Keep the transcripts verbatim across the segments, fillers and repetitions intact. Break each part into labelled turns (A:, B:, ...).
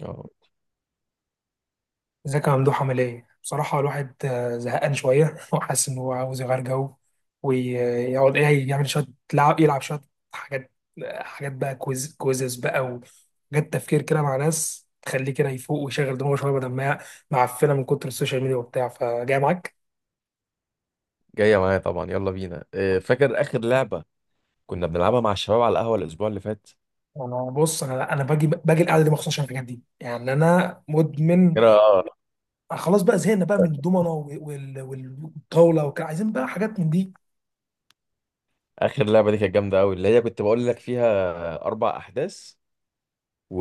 A: اه.
B: ازيك يا ممدوح، عامل ايه؟ بصراحة الواحد آه، زهقان شوية. وحاسس إن هو عاوز يغير جو ويقعد ايه يعمل شوية لعب يلعب شوية حاجات. آه، حاجات بقى كويز كويزز بقى، وحاجات تفكير كده مع ناس تخليه كده يفوق ويشغل دماغه شوية بدل ما هي معفنة من كتر السوشيال ميديا وبتاع. فجاي معاك؟
A: جاية معايا طبعا، يلا بينا. آه، فاكر آخر لعبة كنا بنلعبها مع الشباب على القهوة الأسبوع اللي فات؟
B: انا بص، انا انا باجي باجي القعده دي مخصوص عشان الحاجات دي، يعني انا مدمن.
A: فاكر؟ آه،
B: خلاص بقى، زهقنا بقى من الدومنه وال- وال- والطاوله وكده، عايزين بقى حاجات من دي.
A: آخر لعبة دي كانت جامدة أوي، اللي هي كنت بقول لك فيها أربع أحداث و...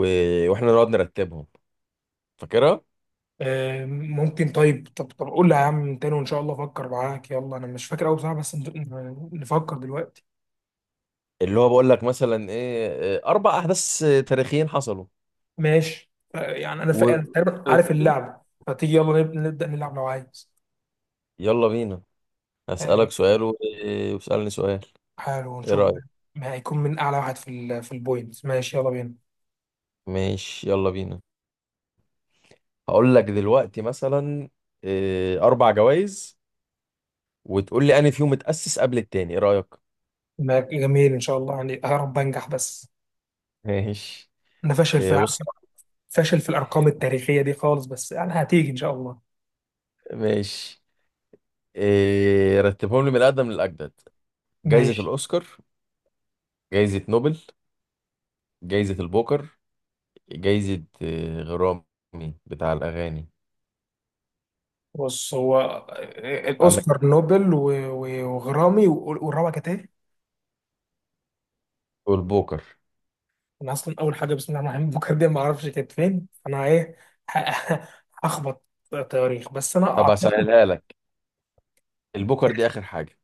A: وإحنا نقعد نرتبهم، فاكرها؟
B: آه، ممكن. طيب طب طب قول لي يا عم تاني، وان شاء الله افكر معاك. يلا، انا مش فاكر قوي بصراحه، بس ن- نفكر دلوقتي.
A: اللي هو بقول لك مثلا إيه، آه، أربع أحداث آه، تاريخيين حصلوا
B: ماشي، ف- يعني انا فا- أنا
A: و...
B: تقريبا عارف اللعبه، فتيجي يلا نب- نبدا نلعب لو عايز.
A: يلا بينا.
B: آه،
A: هسألك سؤال و- واسألني سؤال.
B: حلو،
A: إيه
B: ونشوف بقى
A: رأيك؟
B: ما هيكون من اعلى واحد في ال في البوينتس. ماشي يلا بينا.
A: ماشي، يلا بينا. هقول لك دلوقتي مثلا آه، أربع جوائز، وتقول لي أنا فيهم اتأسس قبل التاني. إيه رأيك؟
B: ما- جميل، ان شاء الله، يعني يا رب انجح بس.
A: ماشي.
B: انا فاشل
A: إيه،
B: في
A: بص.
B: فاشل في الارقام التاريخيه دي خالص، بس يعني هتيجي ان شاء الله.
A: ماشي. إيه، رتبهم لي من الأقدم للأجدد: جايزة
B: ماشي،
A: الأوسكار، جايزة نوبل، جايزة البوكر، جايزة إيه، غرامي بتاع الأغاني.
B: بص هو
A: عندك
B: الاوسكار، نوبل، و- و- وغرامي، و- والرابعه كانت ايه؟
A: البوكر.
B: انا اصلا اول حاجه، بسم الله الرحمن الرحيم، بكره دي ما اعرفش كانت فين، انا ايه ه- هخبط تواريخ، بس انا
A: طب
B: اعتقد.
A: هسهلها لك، البوكر دي آخر حاجة.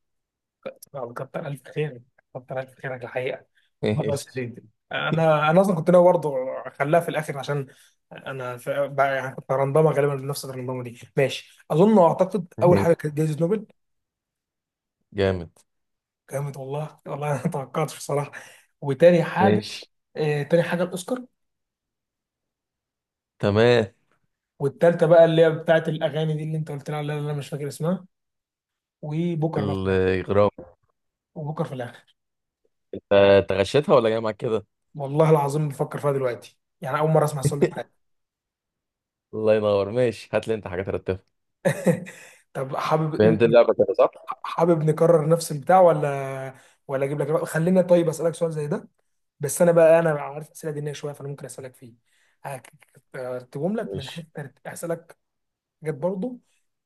B: آه، كتر الف خير، كتر الف خيرك الحقيقه. خلاص يا
A: ماشي.
B: سيدي، انا انا اصلا كنت ناوي برضه اخليها في الاخر، عشان انا ف- بقى، يعني كنت رندمه غالبا بنفس الرندمه دي. ماشي، اظن واعتقد اول
A: ماشي.
B: حاجه كانت جائزه نوبل.
A: جامد.
B: جامد، والله والله انا ما توقعتش بصراحه. وتاني حاجه
A: ماشي.
B: آه، تاني حاجه الاوسكار.
A: تمام.
B: والتالتة بقى اللي هي بتاعت الأغاني دي، اللي أنت قلت لها، اللي أنا مش فاكر اسمها. وبكر بقى في الآخر
A: الغرام.
B: وبكر في الآخر.
A: انت أنت غشيتها ولا جاي معاك كده؟
B: والله العظيم بفكر فيها دلوقتي، يعني أول مرة أسمع السؤال ده في حياتي.
A: الله ينور. ماشي، هات لي انت حاجة ترتبها.
B: طب حابب،
A: فهمت اللعبة كده صح؟
B: حابب نكرر نفس البتاع، ولا ولا أجيب لك؟ خلينا طيب أسألك سؤال زي ده، بس أنا بقى، أنا عارف أسئلة دينية شوية، فأنا ممكن أسألك فيه. هكتبهم لك من
A: ماشي.
B: حتة أسألك. جت برضه.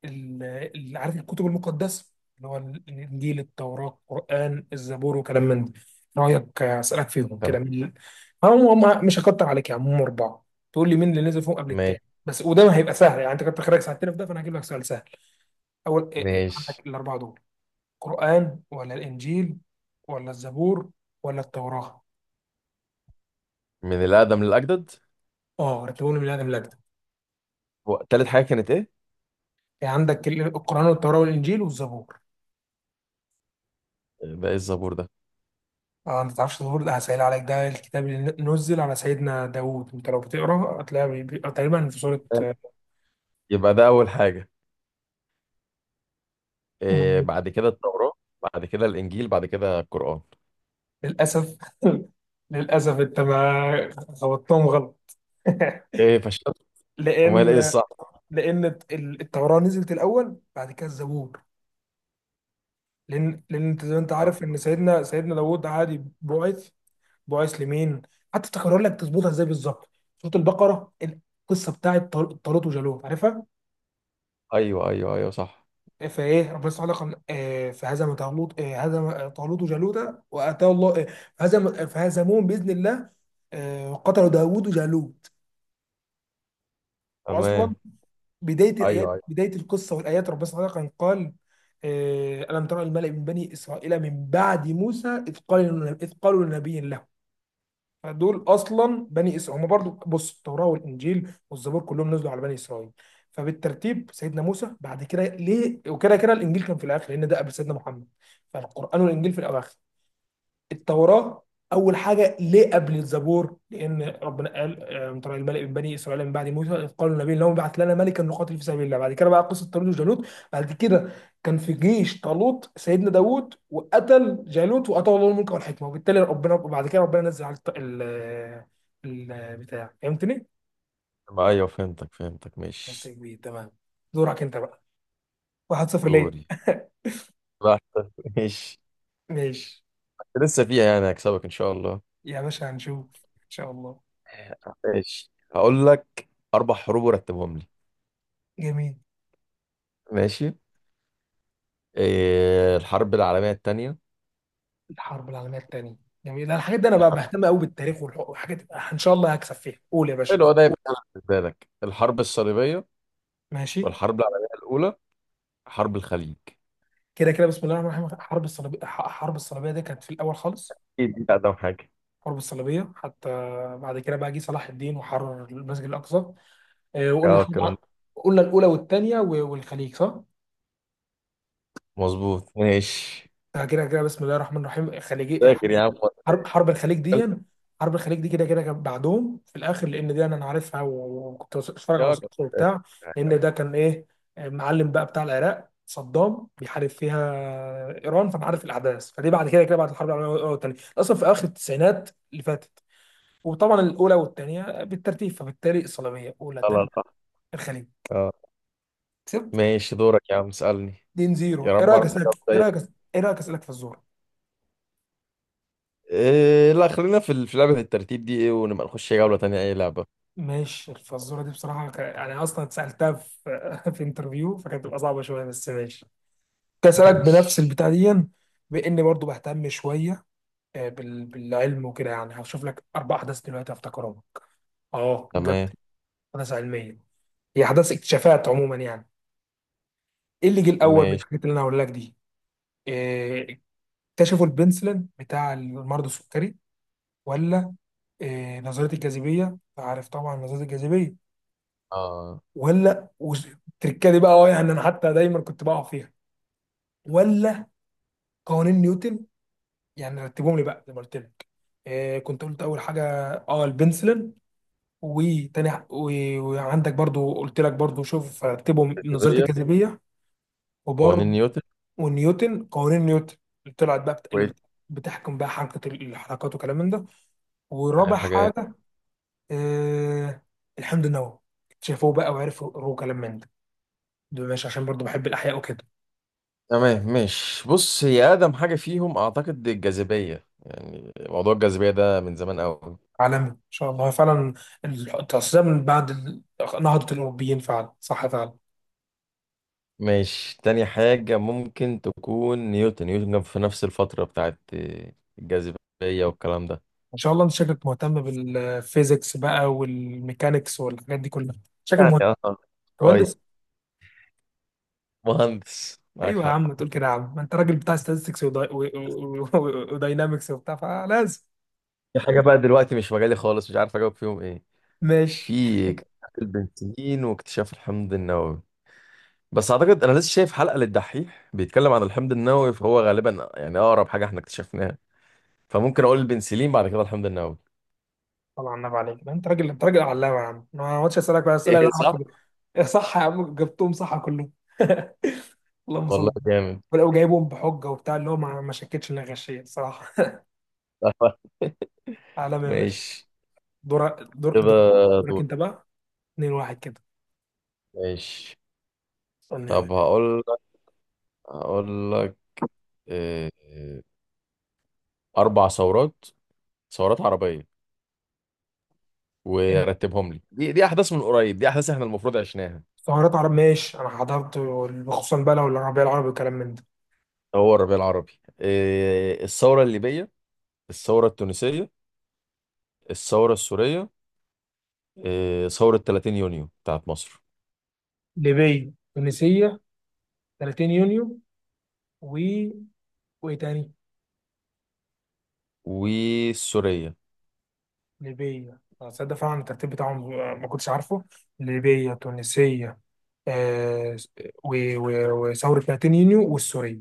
B: ال- ال- عارف الكتب المقدسه، اللي هو ال- الانجيل، التوراه، القران، الزبور، وكلام من ده. رايك اسالك فيهم كده
A: تمام.
B: مين اللي هم هم مش هكتر عليك يا عم، هم اربعه. تقول لي مين اللي نزل فيهم قبل
A: ماشي.
B: التاني بس، وده ما هيبقى سهل، يعني انت كنت خارج ساعتين في ده، فانا هجيب لك سؤال سهل. اول إيه إيه
A: ماشي،
B: عندك الاربعه دول، قران ولا الانجيل ولا الزبور ولا التوراه.
A: من الأقدم للأجدد.
B: اه رتبهم لي من ادم لأجدع.
A: هو تالت حاجة كانت إيه؟
B: يعني عندك ال- القران والتوراه والانجيل والزبور.
A: بقى الزبور ده؟
B: اه، انت تعرفش الزبور ده؟ هسهل عليك، ده الكتاب اللي نزل على سيدنا داوود، انت لو بتقرا هتلاقيها بي- بي- تقريبا في سورة آه،
A: يبقى ده أول حاجة. إيه
B: النمل.
A: بعد كده؟ التوراة، بعد كده الإنجيل، بعد كده القرآن.
B: للأسف. للأسف انت ما خبطتهم غلط.
A: إيه، فشلت؟ أمال إيه
B: لأن
A: الصح؟
B: لأن ال- التوراة نزلت الأول، بعد كده الزبور، لأن لأن انت زي ما انت
A: آه،
B: عارف إن سيدنا سيدنا داوود عادي بعث بعث لمين. حتى تكرر لك تظبطها ازاي بالظبط، سورة البقرة، القصة بتاعت طال- طالوت وجالوت، عارفها؟
A: أيوه أيوه أيوه، صح.
B: فايه ربنا سبحانه وتعالى قال آه، فهزم طالوت آه، هزم طالوت وجالوت، واتاه الله آه، هزم فهزموهم باذن الله، آه، وقتلوا داوود وجالوت. واصلا
A: تمام.
B: بدايه الايات،
A: أيوه أيوه.
B: بدايه القصه والايات، ربنا سبحانه وتعالى كان قال آه، الم ترى الملأ من بني اسرائيل من بعد موسى اذ قالوا إذ قالوا لنبي له. فدول اصلا بني اسرائيل، هم برضو، بص، التوراه والانجيل والزبور كلهم نزلوا على بني اسرائيل، فبالترتيب سيدنا موسى، بعد كده ليه، وكده كده الانجيل كان في الاخر، لان ده قبل سيدنا محمد، فالقران والانجيل في الاواخر. التوراة أول حاجة ليه قبل الزبور؟ لأن ربنا قال آه، من طريق الملك من بني إسرائيل من بعد موسى إذ قالوا النبي اللهم ابعث لنا ملكا نقاتل في سبيل الله. بعد كده بقى قصة طالوت وجالوت، بعد كده كان في جيش طالوت سيدنا داوود، وقتل جالوت، وأعطاه الله الملك والحكمة. وبالتالي ربنا، بعد كده ربنا نزل على الط- ال البتاع، فهمتني؟
A: ما أيوه، فهمتك فهمتك.
B: بس
A: ماشي.
B: كبير، تمام، دورك أنت بقى، واحد صفر ليه؟
A: دوري؟ بحت. ماشي.
B: ماشي
A: لسه فيها يعني، هكسبك إن شاء الله.
B: يا باشا، هنشوف إن شاء الله.
A: ماشي. هقول لك أربع حروب ورتبهم لي.
B: جميل،
A: ماشي. إيه، الحرب العالمية التانية،
B: الحرب العالميه الثانيه، جميل، الحاجات دي انا بقى
A: الحرب
B: بهتم قوي بالتاريخ والح- والحاجات دي. ان شاء الله هكسب فيها، قول يا باشا.
A: حلو ده يبقى بالنسبة لك، الحرب الصليبية
B: ماشي،
A: والحرب العالمية الأولى، حرب الخليج.
B: كده كده، بسم الله الرحمن الرحيم، حرب الصليبيه، ح- حرب الصليبيه دي كانت في الاول خالص،
A: اكيد دي اقدم حاجه.
B: حرب الصليبيه حتى. بعد كده بقى جه صلاح الدين وحرر المسجد الاقصى. آه، وقلنا
A: اه،
B: الحرب
A: الكلام
B: الع-
A: ده
B: قلنا الاولى والثانيه والخليج، صح.
A: مظبوط. ماشي،
B: آه، كده كده، بسم الله الرحمن الرحيم، خليجي،
A: فاكر يا عم.
B: حرب حرب الخليج دي حرب الخليج دي كده كده كان بعدهم في الاخر، لان دي انا أنا عارفها، و- وكنت بس- بتفرج على
A: يا جدع.
B: وثائقي وبتاع، لان ده كان ايه، معلم بقى بتاع العراق، صدام بيحارب فيها ايران، فانا عارف الاحداث. فدي بعد كده، كده بعد الحرب العالميه الاولى والثانيه، اصلا في اخر التسعينات اللي فاتت، وطبعا الاولى والثانيه بالترتيب، فبالتالي الصليبيه اولى، ثانيه
A: خلاص.
B: الخليج.
A: اه.
B: كسبت
A: ماشي، دورك يا عم، اسألني.
B: اتنين
A: يا
B: صفر. ايه
A: رب
B: رايك
A: اعرف
B: اسالك
A: اجاوب
B: ايه
A: زيك.
B: رايك ايه رايك اسالك في الزور.
A: إيه، لا، خلينا في ال- في لعبة الترتيب دي، ايه، ونبقى نخش جولة تانية اي لعبة.
B: ماشي الفزورة دي بصراحة ك- يعني أصلا اتسألتها في في انترفيو، فكانت بتبقى صعبة شوية، بس ماشي. كنت أسألك بنفس
A: ماشي.
B: البتاع دي، بإني برضو بهتم شوية آه، بال- بالعلم وكده، يعني هشوف لك أربع أحداث دلوقتي هفتكرهم. أه جبت،
A: تمام.
B: أحداث علمية، هي أحداث اكتشافات عموما يعني. إيه اللي جه الأول من
A: ماشي.
B: الحاجات اللي أنا هقول لك دي؟ آه، اكتشفوا البنسلين بتاع المرض السكري، ولا آه، نظرية الجاذبية؟ عارف طبعا نظرية الجاذبية،
A: اه.
B: ولا وز- التركه دي بقى، اه يعني انا حتى دايما كنت بقع فيها، ولا قوانين نيوتن؟ يعني رتبهم لي بقى زي ما قلت لك. آه كنت قلت اول حاجه اه البنسلين، وتاني ح- و- وعندك برضو قلت لك برضو، شوف رتبهم، نظريه
A: جاذبية.
B: الجاذبيه،
A: قوانين
B: وبرضو
A: نيوتن.
B: ونيوتن، قوانين نيوتن اللي طلعت بقى بت... اللي
A: كويس.
B: بت... بتحكم بقى حركه ال- الحركات وكلام من ده.
A: اخر
B: ورابع
A: حاجة إيه؟
B: حاجه آه الحمض النووي، اكتشفوه بقى وعرفوا كلام من ده. دول، ماشي، عشان برضو بحب الاحياء وكده.
A: تمام. ماشي، بص، هي اقدم حاجة فيهم اعتقد الجاذبية، يعني موضوع الجاذبية ده من زمان قوي.
B: عالمي ان شاء الله، فعلا التصدير من بعد ال- نهضة الاوروبيين، فعلا صح فعلا.
A: ماشي، تاني حاجة ممكن تكون نيوتن. نيوتن كان في نفس الفترة بتاعت الجاذبية والكلام ده.
B: ان شاء الله، انت شكلك مهتم بالفيزيكس بقى والميكانيكس والحاجات دي كلها، شكلك
A: يعني،
B: مهندس
A: اه، قريب.
B: مهندس.
A: مهندس، معاك
B: ايوه يا
A: حق.
B: عم، تقول كده يا عم، ما انت راجل بتاع ستاتستكس وداينامكس وبتاع، فلازم.
A: في حاجة بقى دلوقتي مش مجالي خالص، مش عارف أجاوب فيهم إيه،
B: ماشي،
A: في اكتشاف البنسلين واكتشاف الحمض النووي، بس أعتقد أنا لسه شايف حلقة للدحيح بيتكلم عن الحمض النووي، فهو غالبا يعني أقرب حاجة إحنا اكتشفناها، فممكن أقول البنسلين بعد كده الحمض النووي.
B: طبعا النبي عليك، ده انت راجل، انت راجل علامه يا عم. أنا ما اقعدش اسالك بقى اسئله لها
A: ايه، صح.
B: علاقه بال- صح يا عم، جبتهم صح كلهم. اللهم صل
A: والله
B: على النبي.
A: جامد.
B: ولو جايبهم بحجه وبتاع، اللي هو ما ما شكتش ان أنا غشيه، الصراحه. عالمي يا باشا.
A: ماشي.
B: دور دور
A: كده.
B: دور- دورك
A: دور.
B: انت بقى. اتنين واحد كده.
A: ماشي.
B: استنى يا
A: طب
B: باشا.
A: هقول لك، هقول لك آه، آه، اربع ثورات، ثورات عربيه، ورتبهم لي. دي دي احداث من قريب، دي احداث احنا المفروض عشناها.
B: سهرات عرب، ماشي، انا حضرت وال- خصوصا بقى لو الربيع العربي والكلام من ده.
A: هو الربيع العربي. آه، الثوره الليبيه، الثوره التونسيه، الثوره السوريه، آه، ثوره ثلاثين يونيو بتاعت مصر،
B: ليبيا، تونسية، 30 يونيو، و وايه تاني؟
A: والسوريه.
B: ليبيا، أنا تصدق فعلا الترتيب بتاعهم ما كنتش عارفه. ليبيا، تونسية، آه، و... و... وثورة 30 يونيو والسورية.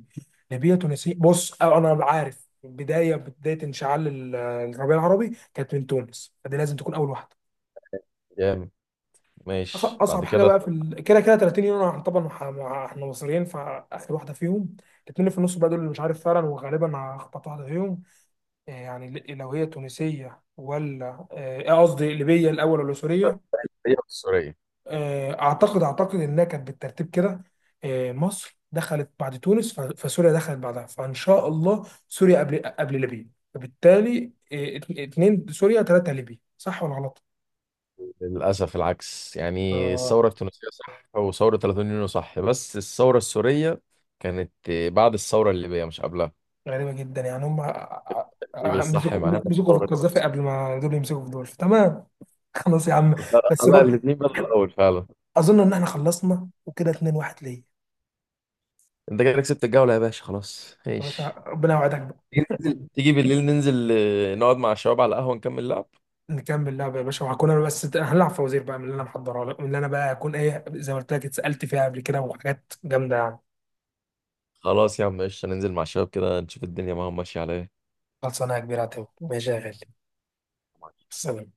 B: ليبيا، تونسية، بص آه، انا عارف بداية بداية انشعال ال- الربيع العربي كانت من تونس، فدي لازم تكون اول واحدة.
A: جامد.
B: أص-
A: ماشي،
B: اصعب
A: بعد
B: حاجه
A: كده؟
B: بقى في ال... كده كده ثلاثين يورو، احنا طبعا مع... مع... احنا مصريين فاخر واحده فيهم. الاثنين اللي في النص بقى دول اللي مش عارف فعلا، وغالبا هخبط واحده فيهم. آه، يعني ل- لو هي تونسيه، ولا آه، آه، قصدي ليبيه الاول، ولا سوريه؟
A: هي السوريه؟
B: آه، اعتقد اعتقد انها كانت بالترتيب كده. آه، مصر دخلت بعد تونس، ف... فسوريا دخلت بعدها، فان شاء الله سوريا قبل قبل ليبيا، فبالتالي آه، ات- اتنين سوريا، ثلاثه ليبيا، صح ولا غلط؟
A: للاسف العكس، يعني الثوره التونسيه صح وثوره ثلاثين يونيو صح، بس الثوره السوريه كانت آه، بعد الثوره الليبيه مش قبلها.
B: غريبة جدا، يعني هم ع-
A: دي
B: ع-
A: بالصح
B: مسكوا
A: معناها
B: مسكوا في
A: الثورة.
B: القذافي قبل ما دول يمسكوا في دول، تمام. خلاص يا عم،
A: لا لا
B: بس
A: لا،
B: برضه
A: الاتنين بقى في الأول فعلا.
B: أظن إن إحنا خلصنا، وكده اتنين واحد ليا.
A: أنت كده كسبت الجولة يا باشا، خلاص
B: يا باشا
A: ماشي.
B: ربنا يوعدك بقى،
A: تيجي ننزل- تيجي بالليل ننزل آه، نقعد مع الشباب على القهوة ونكمل لعب.
B: نكمل لعبة يا باشا، وهكون أنا بس ت- هنلعب فوازير بقى من اللي أنا محضرها لك، من اللي أنا بقى هكون إيه زي ما قلت لك، اتسألت فيها قبل كده، وحاجات جامدة يعني.
A: خلاص يا عم، قشطة، ننزل مع الشباب كده نشوف الدنيا معاهم ماشية على إيه.
B: خلصانة يا كبير عتاوي، ماشي يا غالي، سلام.